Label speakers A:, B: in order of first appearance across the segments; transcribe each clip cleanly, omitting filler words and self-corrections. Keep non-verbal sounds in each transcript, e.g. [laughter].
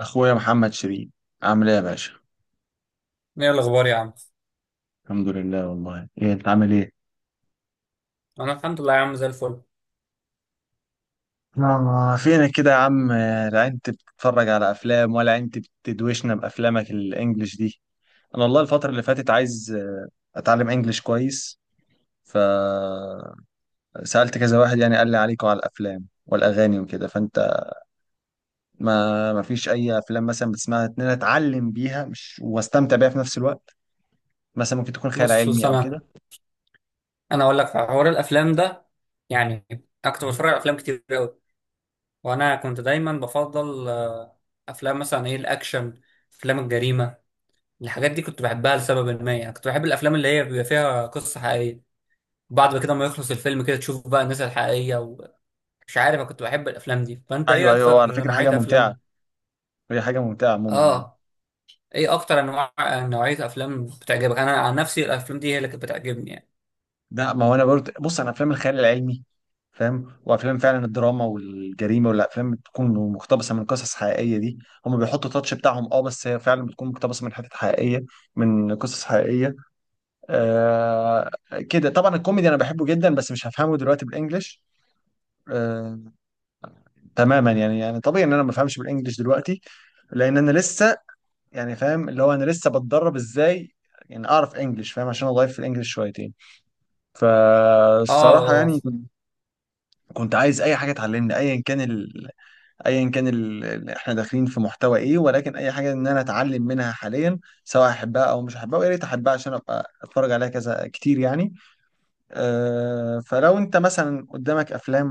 A: اخويا محمد شريف، عامل ايه يا باشا؟
B: ايه الاخبار يا عم؟
A: الحمد لله والله. ايه انت عامل ايه؟
B: انا الحمد لله يا عم، زي الفل.
A: آه، فينك كده يا عم؟ لا انت بتتفرج على افلام ولا انت بتدوشنا بافلامك الانجليش دي؟ انا والله الفتره اللي فاتت عايز اتعلم انجليش كويس، فسالت كذا واحد، يعني قال لي عليكم على الافلام والاغاني وكده. فانت ما فيش اي افلام مثلا بتسمعها ان انا اتعلم بيها مش واستمتع بيها في نفس الوقت؟ مثلا ممكن تكون خيال
B: بص
A: علمي او
B: هسام،
A: كده.
B: انا اقول لك حوار الافلام ده. يعني انا كنت بتفرج على افلام كتير قوي، وانا كنت دايما بفضل افلام مثلا ايه الاكشن، افلام الجريمه. الحاجات دي كنت بحبها لسبب ما، يعني كنت بحب الافلام اللي هي بيبقى فيها قصه حقيقيه. بعد كده ما يخلص الفيلم كده تشوف بقى الناس الحقيقيه ومش عارف. انا كنت بحب الافلام دي، فانت ايه
A: ايوه ايوه، هو على
B: اكتر
A: فكره حاجه
B: نوعيه
A: ممتعه،
B: افلام؟
A: هي حاجه ممتعه عموما يعني.
B: اه، ايه اكتر انواع نوعيه افلام بتعجبك؟ انا عن نفسي الافلام دي هي اللي كانت بتعجبني يعني.
A: لا ما هو انا برضه، بص، انا افلام الخيال العلمي فاهم، وافلام فعلا الدراما والجريمه والافلام بتكون مقتبسه من قصص حقيقيه دي، هم بيحطوا تاتش بتاعهم، اه بس هي فعلا بتكون مقتبسه من حتت حقيقيه، من قصص حقيقيه. آه، كده طبعا. الكوميدي انا بحبه جدا بس مش هفهمه دلوقتي بالانجلش. آه تماما يعني. يعني طبيعي ان انا ما بفهمش بالانجلش دلوقتي، لان انا لسه يعني فاهم اللي هو انا لسه بتدرب ازاي يعني اعرف انجلش فاهم عشان اضيف في الانجلش شويتين.
B: اه،
A: فالصراحه
B: اه،
A: يعني كنت عايز اي حاجه تعلمني، ايا كان ال... ايا كان ال... احنا داخلين في محتوى ايه، ولكن اي حاجه ان انا اتعلم منها حاليا سواء احبها او مش احبها، ويا ريت احبها عشان ابقى اتفرج عليها كذا كتير يعني. أه فلو انت مثلا قدامك افلام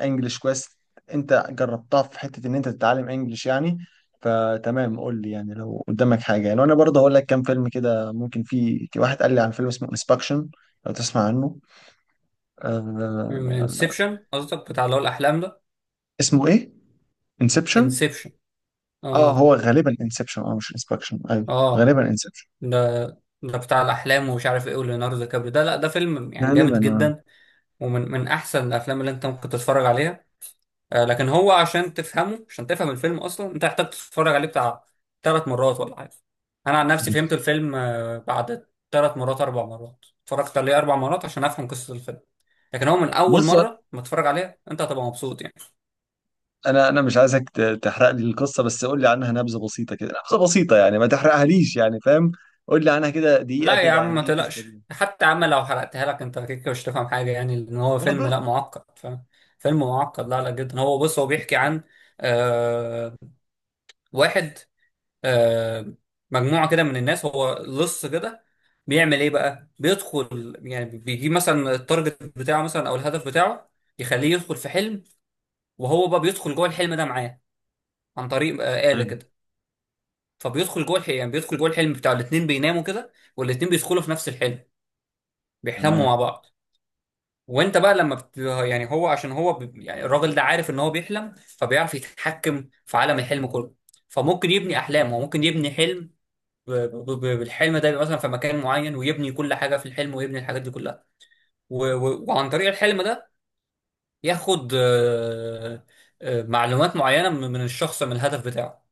A: انجلش كويس، انت جربتها في حته ان انت تتعلم انجلش يعني، فتمام قول لي يعني لو قدامك حاجه يعني. وانا برضه هقول لك كام فيلم كده، ممكن في واحد قال لي عن فيلم اسمه انسبكشن، لو تسمع عنه. أه،
B: انسبشن قصدك، بتاع اللي هو الاحلام ده؟
A: اسمه ايه؟ انسبشن.
B: انسبشن.
A: اه
B: اه.
A: هو غالبا انسبشن، اه مش انسبكشن، ايوه
B: اه.
A: غالبا انسبشن.
B: ده ده بتاع الاحلام ومش عارف ايه، وليوناردو دي كابريو ده. لا ده فيلم يعني
A: غالبا
B: جامد
A: اه.
B: جدا، ومن من احسن الافلام اللي انت ممكن تتفرج عليها. آه، لكن هو عشان تفهمه، عشان تفهم الفيلم اصلا انت محتاج تتفرج عليه بتاع ثلاث مرات ولا حاجه. انا عن نفسي فهمت الفيلم آه بعد ثلاث مرات، اربع مرات اتفرجت عليه، اربع مرات عشان افهم قصه الفيلم. لكن هو من اول
A: بص،
B: مره ما تتفرج عليه انت هتبقى مبسوط يعني.
A: انا مش عايزك تحرق لي القصه، بس قول لي عنها نبذه بسيطه كده، نبذه بسيطه يعني ما تحرقهاليش يعني فاهم. قول لي عنها كده دقيقه
B: لا يا
A: كده،
B: عم
A: يعني
B: ما
A: ايه في
B: تقلقش،
A: السريع.
B: حتى يا عم لو حرقتها لك انت كده مش هتفهم حاجه، يعني لان هو فيلم، لا
A: برضه.
B: معقد فاهم؟ فيلم معقد، لا لا جدا. هو بص، هو بيحكي عن آه واحد، آه مجموعه كده من الناس. هو لص كده، بيعمل ايه بقى؟ بيدخل يعني بيجيب مثلا التارجت بتاعه مثلا او الهدف بتاعه، يخليه يدخل في حلم، وهو بقى بيدخل جوه الحلم ده معاه عن طريق آه آلة
A: حلو.
B: كده. فبيدخل جوه الحلم، يعني بيدخل جوه الحلم بتاع الاتنين، بيناموا كده والاتنين بيدخلوا في نفس الحلم، بيحلموا
A: تمام.
B: مع بعض. وانت بقى لما يعني هو عشان هو يعني الراجل ده عارف ان هو بيحلم، فبيعرف يتحكم في عالم الحلم كله. فممكن يبني احلام، هو ممكن يبني حلم بالحلم ده، يبقى مثلا في مكان معين ويبني كل حاجه في الحلم ويبني الحاجات دي كلها. وعن طريق الحلم ده ياخد آه، معلومات معينه من الشخص، من الهدف بتاعه.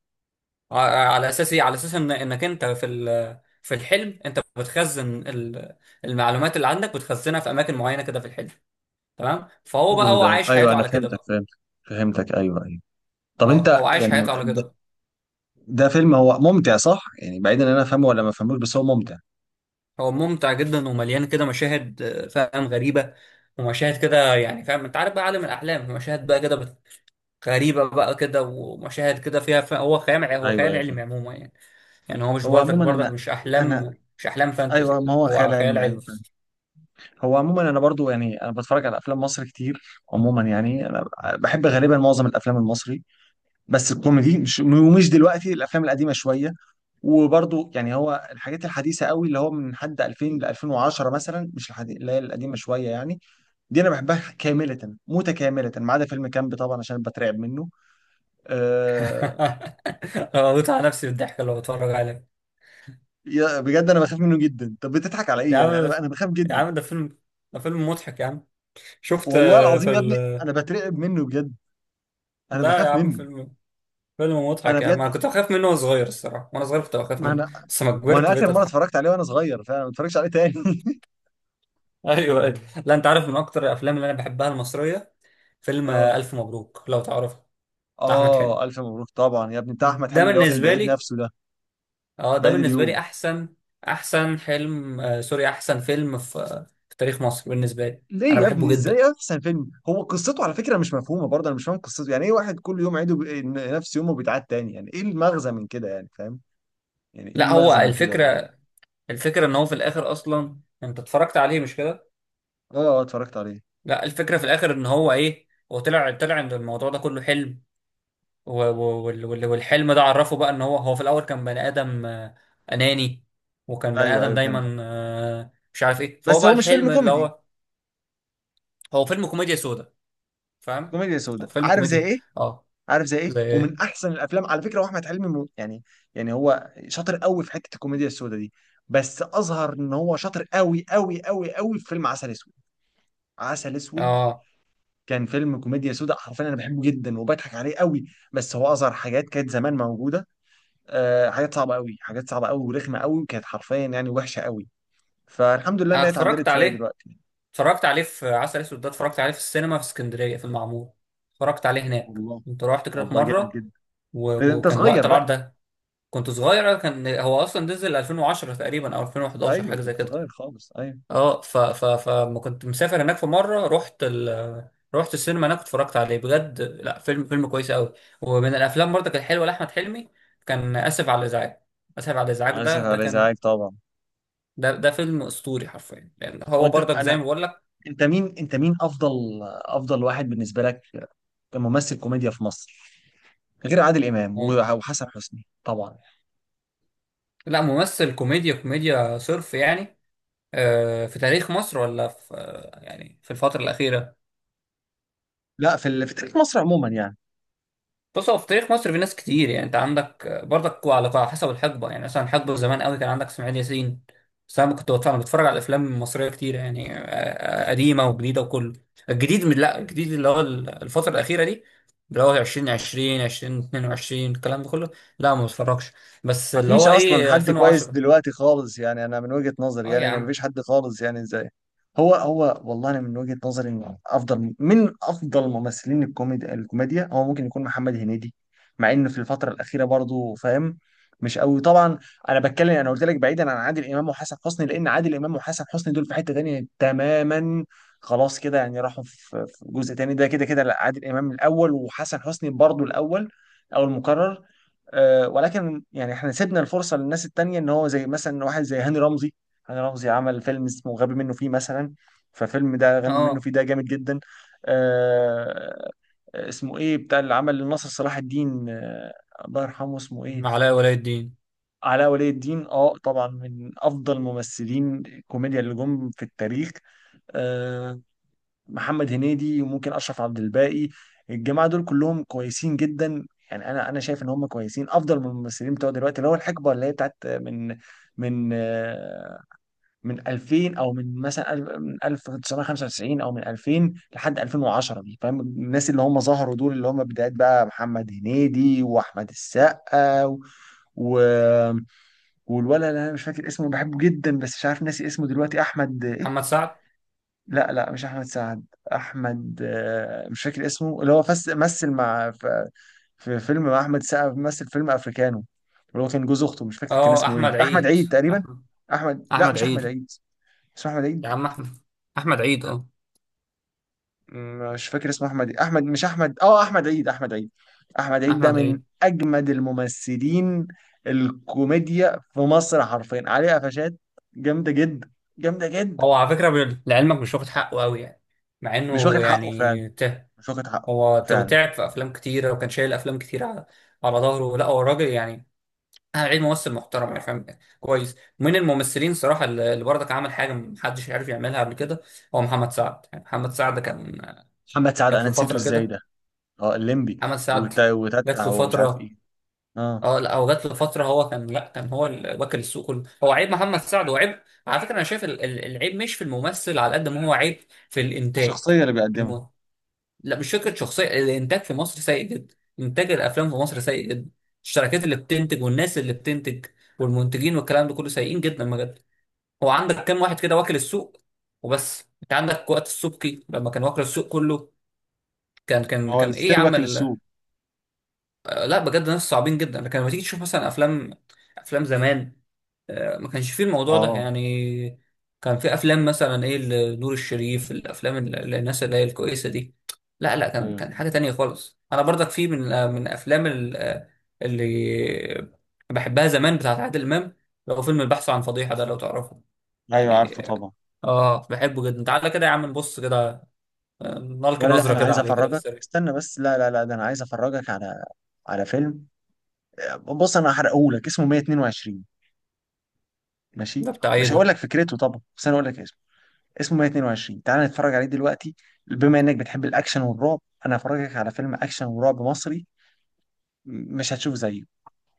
B: على اساس ايه؟ على اساس ان انك انت في في الحلم انت بتخزن المعلومات اللي عندك، بتخزنها في اماكن معينه كده في الحلم. تمام؟ فهو
A: حلو
B: بقى هو
A: ده،
B: عايش
A: ايوه
B: حياته
A: انا
B: على كده
A: فهمتك
B: بقى.
A: فهمتك فهمتك، ايوه ايوه. طب
B: اه هو
A: انت
B: عايش
A: يعني
B: حياته على كده
A: ده،
B: بقى.
A: ده فيلم هو ممتع صح، يعني بعيدا ان انا افهمه ولا ما افهموش بس هو ممتع؟
B: هو ممتع جدا، ومليان كده مشاهد آه، فاهم، غريبة، ومشاهد كده يعني فاهم، انت عارف بقى عالم الأحلام، مشاهد بقى كده غريبة بقى كده، ومشاهد كده فيها. هو خيال هو
A: ايوه
B: خيال
A: ايوه
B: علمي
A: فاهم.
B: عموما يعني. يعني هو مش
A: هو
B: برضك
A: عموما
B: برضك
A: انا،
B: مش
A: انا،
B: أحلام، مش أحلام
A: ايوه
B: فانتزي،
A: ما هو خيال
B: هو خيال
A: علمي
B: علمي.
A: ايوه. هو عموما انا برضو يعني انا بتفرج على افلام مصر كتير، عموما يعني انا بحب غالبا معظم الافلام المصري، بس الكوميدي مش، ومش دلوقتي، الافلام القديمه شويه. وبرضو يعني هو الحاجات الحديثه قوي اللي هو من حد 2000 ل 2010 مثلا، مش الحديث، اللي هي القديمه شويه يعني، دي انا بحبها كامله متكامله، ما عدا فيلم كامب طبعا عشان بترعب منه. أه،
B: [laughs] أنا بموت على نفسي بالضحك لو بتفرج عليه.
A: يا- بجد انا بخاف منه جدا، طب بتضحك على
B: يا
A: ايه يعني،
B: عم،
A: انا انا بخاف
B: يا
A: جدا.
B: عم ده فيلم، ده فيلم مضحك يا عم. شفت
A: والله
B: آه،
A: العظيم يا ابني انا بترعب منه بجد، انا
B: لا يا
A: بخاف
B: عم،
A: منه.
B: فيلم، فيلم
A: انا
B: مضحك يعني، ما
A: بجد،
B: كنت بخاف منه وانا صغير. الصراحه وانا صغير كنت بخاف
A: ما
B: منه،
A: انا،
B: بس لما
A: ما
B: كبرت
A: انا
B: بقيت
A: اخر مره
B: اضحك.
A: اتفرجت عليه وانا صغير، فانا ما اتفرجش عليه تاني.
B: [laughs] ايوه ايوه.
A: [laughs]
B: لا انت عارف من اكتر الافلام اللي انا بحبها المصريه، فيلم آه،
A: اه
B: الف مبروك لو تعرفه. بتاع احمد حلمي،
A: اه، الف مبروك طبعا يا ابني، بتاع احمد
B: ده
A: حلمي اللي هو كان
B: بالنسبه
A: بعيد
B: لي،
A: نفسه ده،
B: اه ده
A: بعيد
B: بالنسبه لي
A: اليوم.
B: احسن، احسن حلم آه سوري احسن فيلم في آه، في تاريخ مصر بالنسبه لي.
A: ليه
B: انا
A: يا
B: بحبه
A: ابني
B: جدا.
A: ازاي احسن فيلم؟ هو قصته على فكره مش مفهومه برضه، انا مش فاهم قصته يعني ايه، واحد كل يوم عيده بي... نفس يومه بيتعاد تاني، يعني ايه المغزى من كده يعني فاهم؟ يعني ايه
B: لا هو
A: المغزى من كده برضه؟
B: الفكره، الفكره ان هو في الاخر، اصلا انت اتفرجت عليه مش كده.
A: اه اه اتفرجت عليه.
B: لا الفكره في الاخر ان هو ايه، هو طلع ان الموضوع ده كله حلم. والحلم ده عرفه بقى ان هو في الاول كان بني ادم آه، اناني، وكان بني
A: ايوه
B: ادم
A: ايوه فهمت.
B: دايما آه، مش عارف ايه. فهو
A: بس
B: بقى
A: هو مش
B: الحلم
A: فيلم
B: اللي
A: كوميدي؟
B: هو. هو فيلم كوميديا سودا، فاهم.
A: كوميديا
B: هو
A: سودا،
B: فيلم
A: عارف زي
B: كوميديا.
A: ايه؟
B: اه.
A: عارف زي ايه،
B: زي ايه؟
A: ومن احسن الافلام على فكره، واحمد حلمي يعني، يعني هو شاطر قوي في حته الكوميديا السوداء دي، بس اظهر ان هو شاطر قوي قوي قوي قوي في فيلم عسل اسود. عسل اسود
B: اه
A: كان فيلم كوميديا سوداء حرفيا، انا بحبه جدا وبضحك عليه قوي، بس هو اظهر حاجات كانت زمان موجوده. آه حاجات صعبه قوي، حاجات صعبه قوي ورخمه قوي، وكانت حرفيا يعني وحشه قوي، فالحمد لله
B: انا
A: انها
B: اتفرجت
A: اتعدلت شويه
B: عليه،
A: دلوقتي.
B: اتفرجت عليه في عسل اسود ده. اتفرجت عليه في السينما في اسكندريه في المعمور، اتفرجت عليه هناك،
A: والله.
B: كنت رحت كده في
A: والله جامد
B: مره.
A: جدا.
B: و-
A: انت
B: وكان وقت
A: صغير
B: العرض
A: بقى.
B: ده كنت صغير. كان هو اصلا نزل 2010 تقريبا او 2011
A: ايوه
B: حاجه زي
A: كنت
B: كده.
A: صغير خالص ايوه.
B: اه ف ف فما كنت مسافر هناك في مره، رحت رحت السينما هناك اتفرجت عليه بجد. لا فيلم، فيلم كويس قوي. ومن الافلام برضه كانت حلوه لاحمد حلمي، كان اسف على الازعاج. اسف على الازعاج،
A: اسف
B: ده
A: على
B: كان،
A: ازعاج طبعا.
B: ده فيلم اسطوري حرفيا، لان هو
A: وانت
B: برضك زي
A: انا،
B: ما بقول لك.
A: انت مين، انت مين افضل، افضل واحد بالنسبه لك كممثل كوميديا في مصر، غير عادل امام
B: مم-
A: وحسن حسني طبعا؟
B: لا ممثل كوميديا، كوميديا صرف يعني آه، في تاريخ مصر ولا في آه، يعني في الفتره الاخيره؟
A: لا في تاريخ مصر عموما يعني.
B: بص هو في تاريخ مصر في ناس كتير يعني، انت عندك برضك على على حسب الحقبه. يعني مثلا حقبه زمان قوي كان عندك اسماعيل ياسين. بس انا كنت بتفرج، انا بتفرج على الافلام المصريه كتير يعني آه، آه، قديمه وجديده وكله. الجديد من لا، الجديد اللي هو الفتره الاخيره دي، اللي هو 2020 2022 الكلام ده كله، لا ما بتفرجش. بس اللي
A: مفيش
B: هو
A: اصلا
B: ايه
A: حد كويس
B: 2010.
A: دلوقتي خالص يعني، انا من وجهة نظري
B: اه
A: يعني
B: يا
A: ان مفيش
B: عم،
A: حد خالص يعني ازاي. هو والله انا من وجهة نظري ان افضل من افضل ممثلين الكوميديا، الكوميديا هو ممكن يكون محمد هنيدي، مع انه في الفترة الأخيرة برضو فاهم مش قوي طبعا. انا بتكلم انا قلت لك بعيدا عن عادل امام وحسن حسني، لان عادل امام وحسن حسني دول في حتة تانية تماما، خلاص كده يعني راحوا في في جزء تاني ده، كده كده لا، عادل امام الاول وحسن حسني برضو الاول او المكرر. ولكن يعني احنا سيبنا الفرصه للناس التانيه، ان هو زي مثلا واحد زي هاني رمزي. هاني رمزي عمل فيلم اسمه غبي منه فيه مثلا، ففيلم ده غبي منه
B: اه
A: فيه ده جامد جدا. آه، اسمه ايه بتاع اللي عمل لناصر صلاح الدين، الله يرحمه، اسمه ايه؟
B: علاء ولي الدين،
A: علاء ولي الدين. اه طبعا من افضل ممثلين الكوميديا اللي جم في التاريخ. آه، محمد هنيدي وممكن اشرف عبد الباقي، الجماعه دول كلهم كويسين جدا. يعني انا شايف ان هم كويسين افضل من الممثلين بتوع دلوقتي، اللي هو الحقبه اللي هي بتاعت من آه، من 2000 او من مثلا من 1995 او من 2000 لحد 2010 دي فاهم، الناس اللي هم ظهروا دول اللي هم بدايات بقى محمد هنيدي واحمد السقا و... و- والولد اللي انا مش فاكر اسمه بحبه جدا، بس مش عارف ناسي اسمه دلوقتي، احمد ايه.
B: محمد سعد،
A: لا لا مش احمد سعد، احمد مش فاكر اسمه، اللي هو فس مثل مع في، في فيلم مع احمد سعد، مثل فيلم افريكانو، اللي هو كان جوز اخته مش فاكر كان
B: اه
A: اسمه ايه،
B: احمد
A: احمد
B: عيد،
A: عيد تقريبا.
B: احمد،
A: احمد، لا
B: احمد
A: مش احمد
B: عيد،
A: عيد، اسمه احمد
B: يا
A: عيد.
B: عم احمد، احمد عيد، اه
A: مش فاكر اسمه احمد إيه. احمد مش احمد اه احمد عيد احمد عيد. احمد عيد ده
B: احمد
A: من
B: عيد.
A: اجمد الممثلين الكوميديا في مصر حرفيا، عليه قفشات جامده جدا، جامده جدا.
B: هو على فكرة لعلمك مش واخد حقه قوي يعني، مع
A: مش
B: انه
A: واخد حقه فعلا،
B: يعني ته،
A: مش واخد حقه
B: هو
A: فعلا.
B: تعب في افلام كتيرة، وكان شايل افلام كتير على على ظهره. لا هو راجل يعني، انا عيد ممثل محترم يعني فاهم، كويس، من الممثلين صراحة اللي برضك عمل حاجة محدش عارف يعملها قبل كده، هو محمد سعد. يعني محمد سعد كان
A: محمد سعد،
B: جات
A: انا
B: له
A: نسيته
B: فترة
A: ازاي
B: كده.
A: ده. اه الليمبي،
B: محمد سعد جات
A: وتتع
B: له
A: ومش عارف
B: فترة،
A: ايه. اه
B: اه. لا هو جات له فتره، هو كان، لا كان هو واكل السوق كله هو، عيب محمد سعد وعيب. على فكره انا شايف العيب مش في الممثل، على قد ما هو عيب في الانتاج.
A: الشخصية اللي بيقدمها.
B: الم- لا مش فكره شخصيه، الانتاج في مصر سيء جدا، انتاج الافلام في مصر سيء جدا. الشركات اللي بتنتج والناس اللي بتنتج والمنتجين والكلام ده كله سيئين جدا بجد. هو عندك كام واحد كده واكل السوق وبس. انت عندك وقت السبكي لما كان واكل السوق كله، كان كان
A: هو
B: كان ايه يا
A: ستيل
B: عم؟
A: واكل السوق.
B: لا بجد ناس صعبين جدا. لكن لما تيجي تشوف مثلا افلام، افلام زمان آه، ما كانش فيه الموضوع ده
A: اه.
B: يعني. كان في افلام مثلا ايه لنور الشريف، الافلام اللي الناس اللي هي الكويسه دي، لا لا كان،
A: ايوه
B: كان
A: فاهم.
B: حاجه تانية خالص. انا برضك في من آه، من افلام آه، اللي بحبها زمان بتاعت عادل امام، لو فيلم البحث عن فضيحه ده لو تعرفه
A: ايوه عارفه
B: يعني.
A: طبعا.
B: اه بحبه جدا، تعالى كده يا عم نبص كده آه، نلقي
A: ولا لا
B: نظره
A: انا
B: كده
A: عايز
B: عليه كده
A: افرجك،
B: بالسريع.
A: استنى بس، لا لا لا ده انا عايز افرجك على على فيلم. بص انا هحرقهولك، اسمه 122. ماشي؟
B: ده بتاع ايه
A: مش هقول
B: ده؟
A: لك فكرته طبعا، بس انا هقول لك اسمه، اسمه 122. تعال نتفرج عليه دلوقتي، بما انك بتحب الاكشن والرعب، انا هفرجك على فيلم اكشن ورعب مصري، مش هتشوف زيه،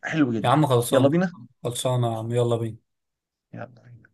A: حلو
B: يا
A: جدا.
B: عم
A: يلا
B: خلصان،
A: بينا.
B: خلصانة يا عم يلا بينا.
A: يلا بينا.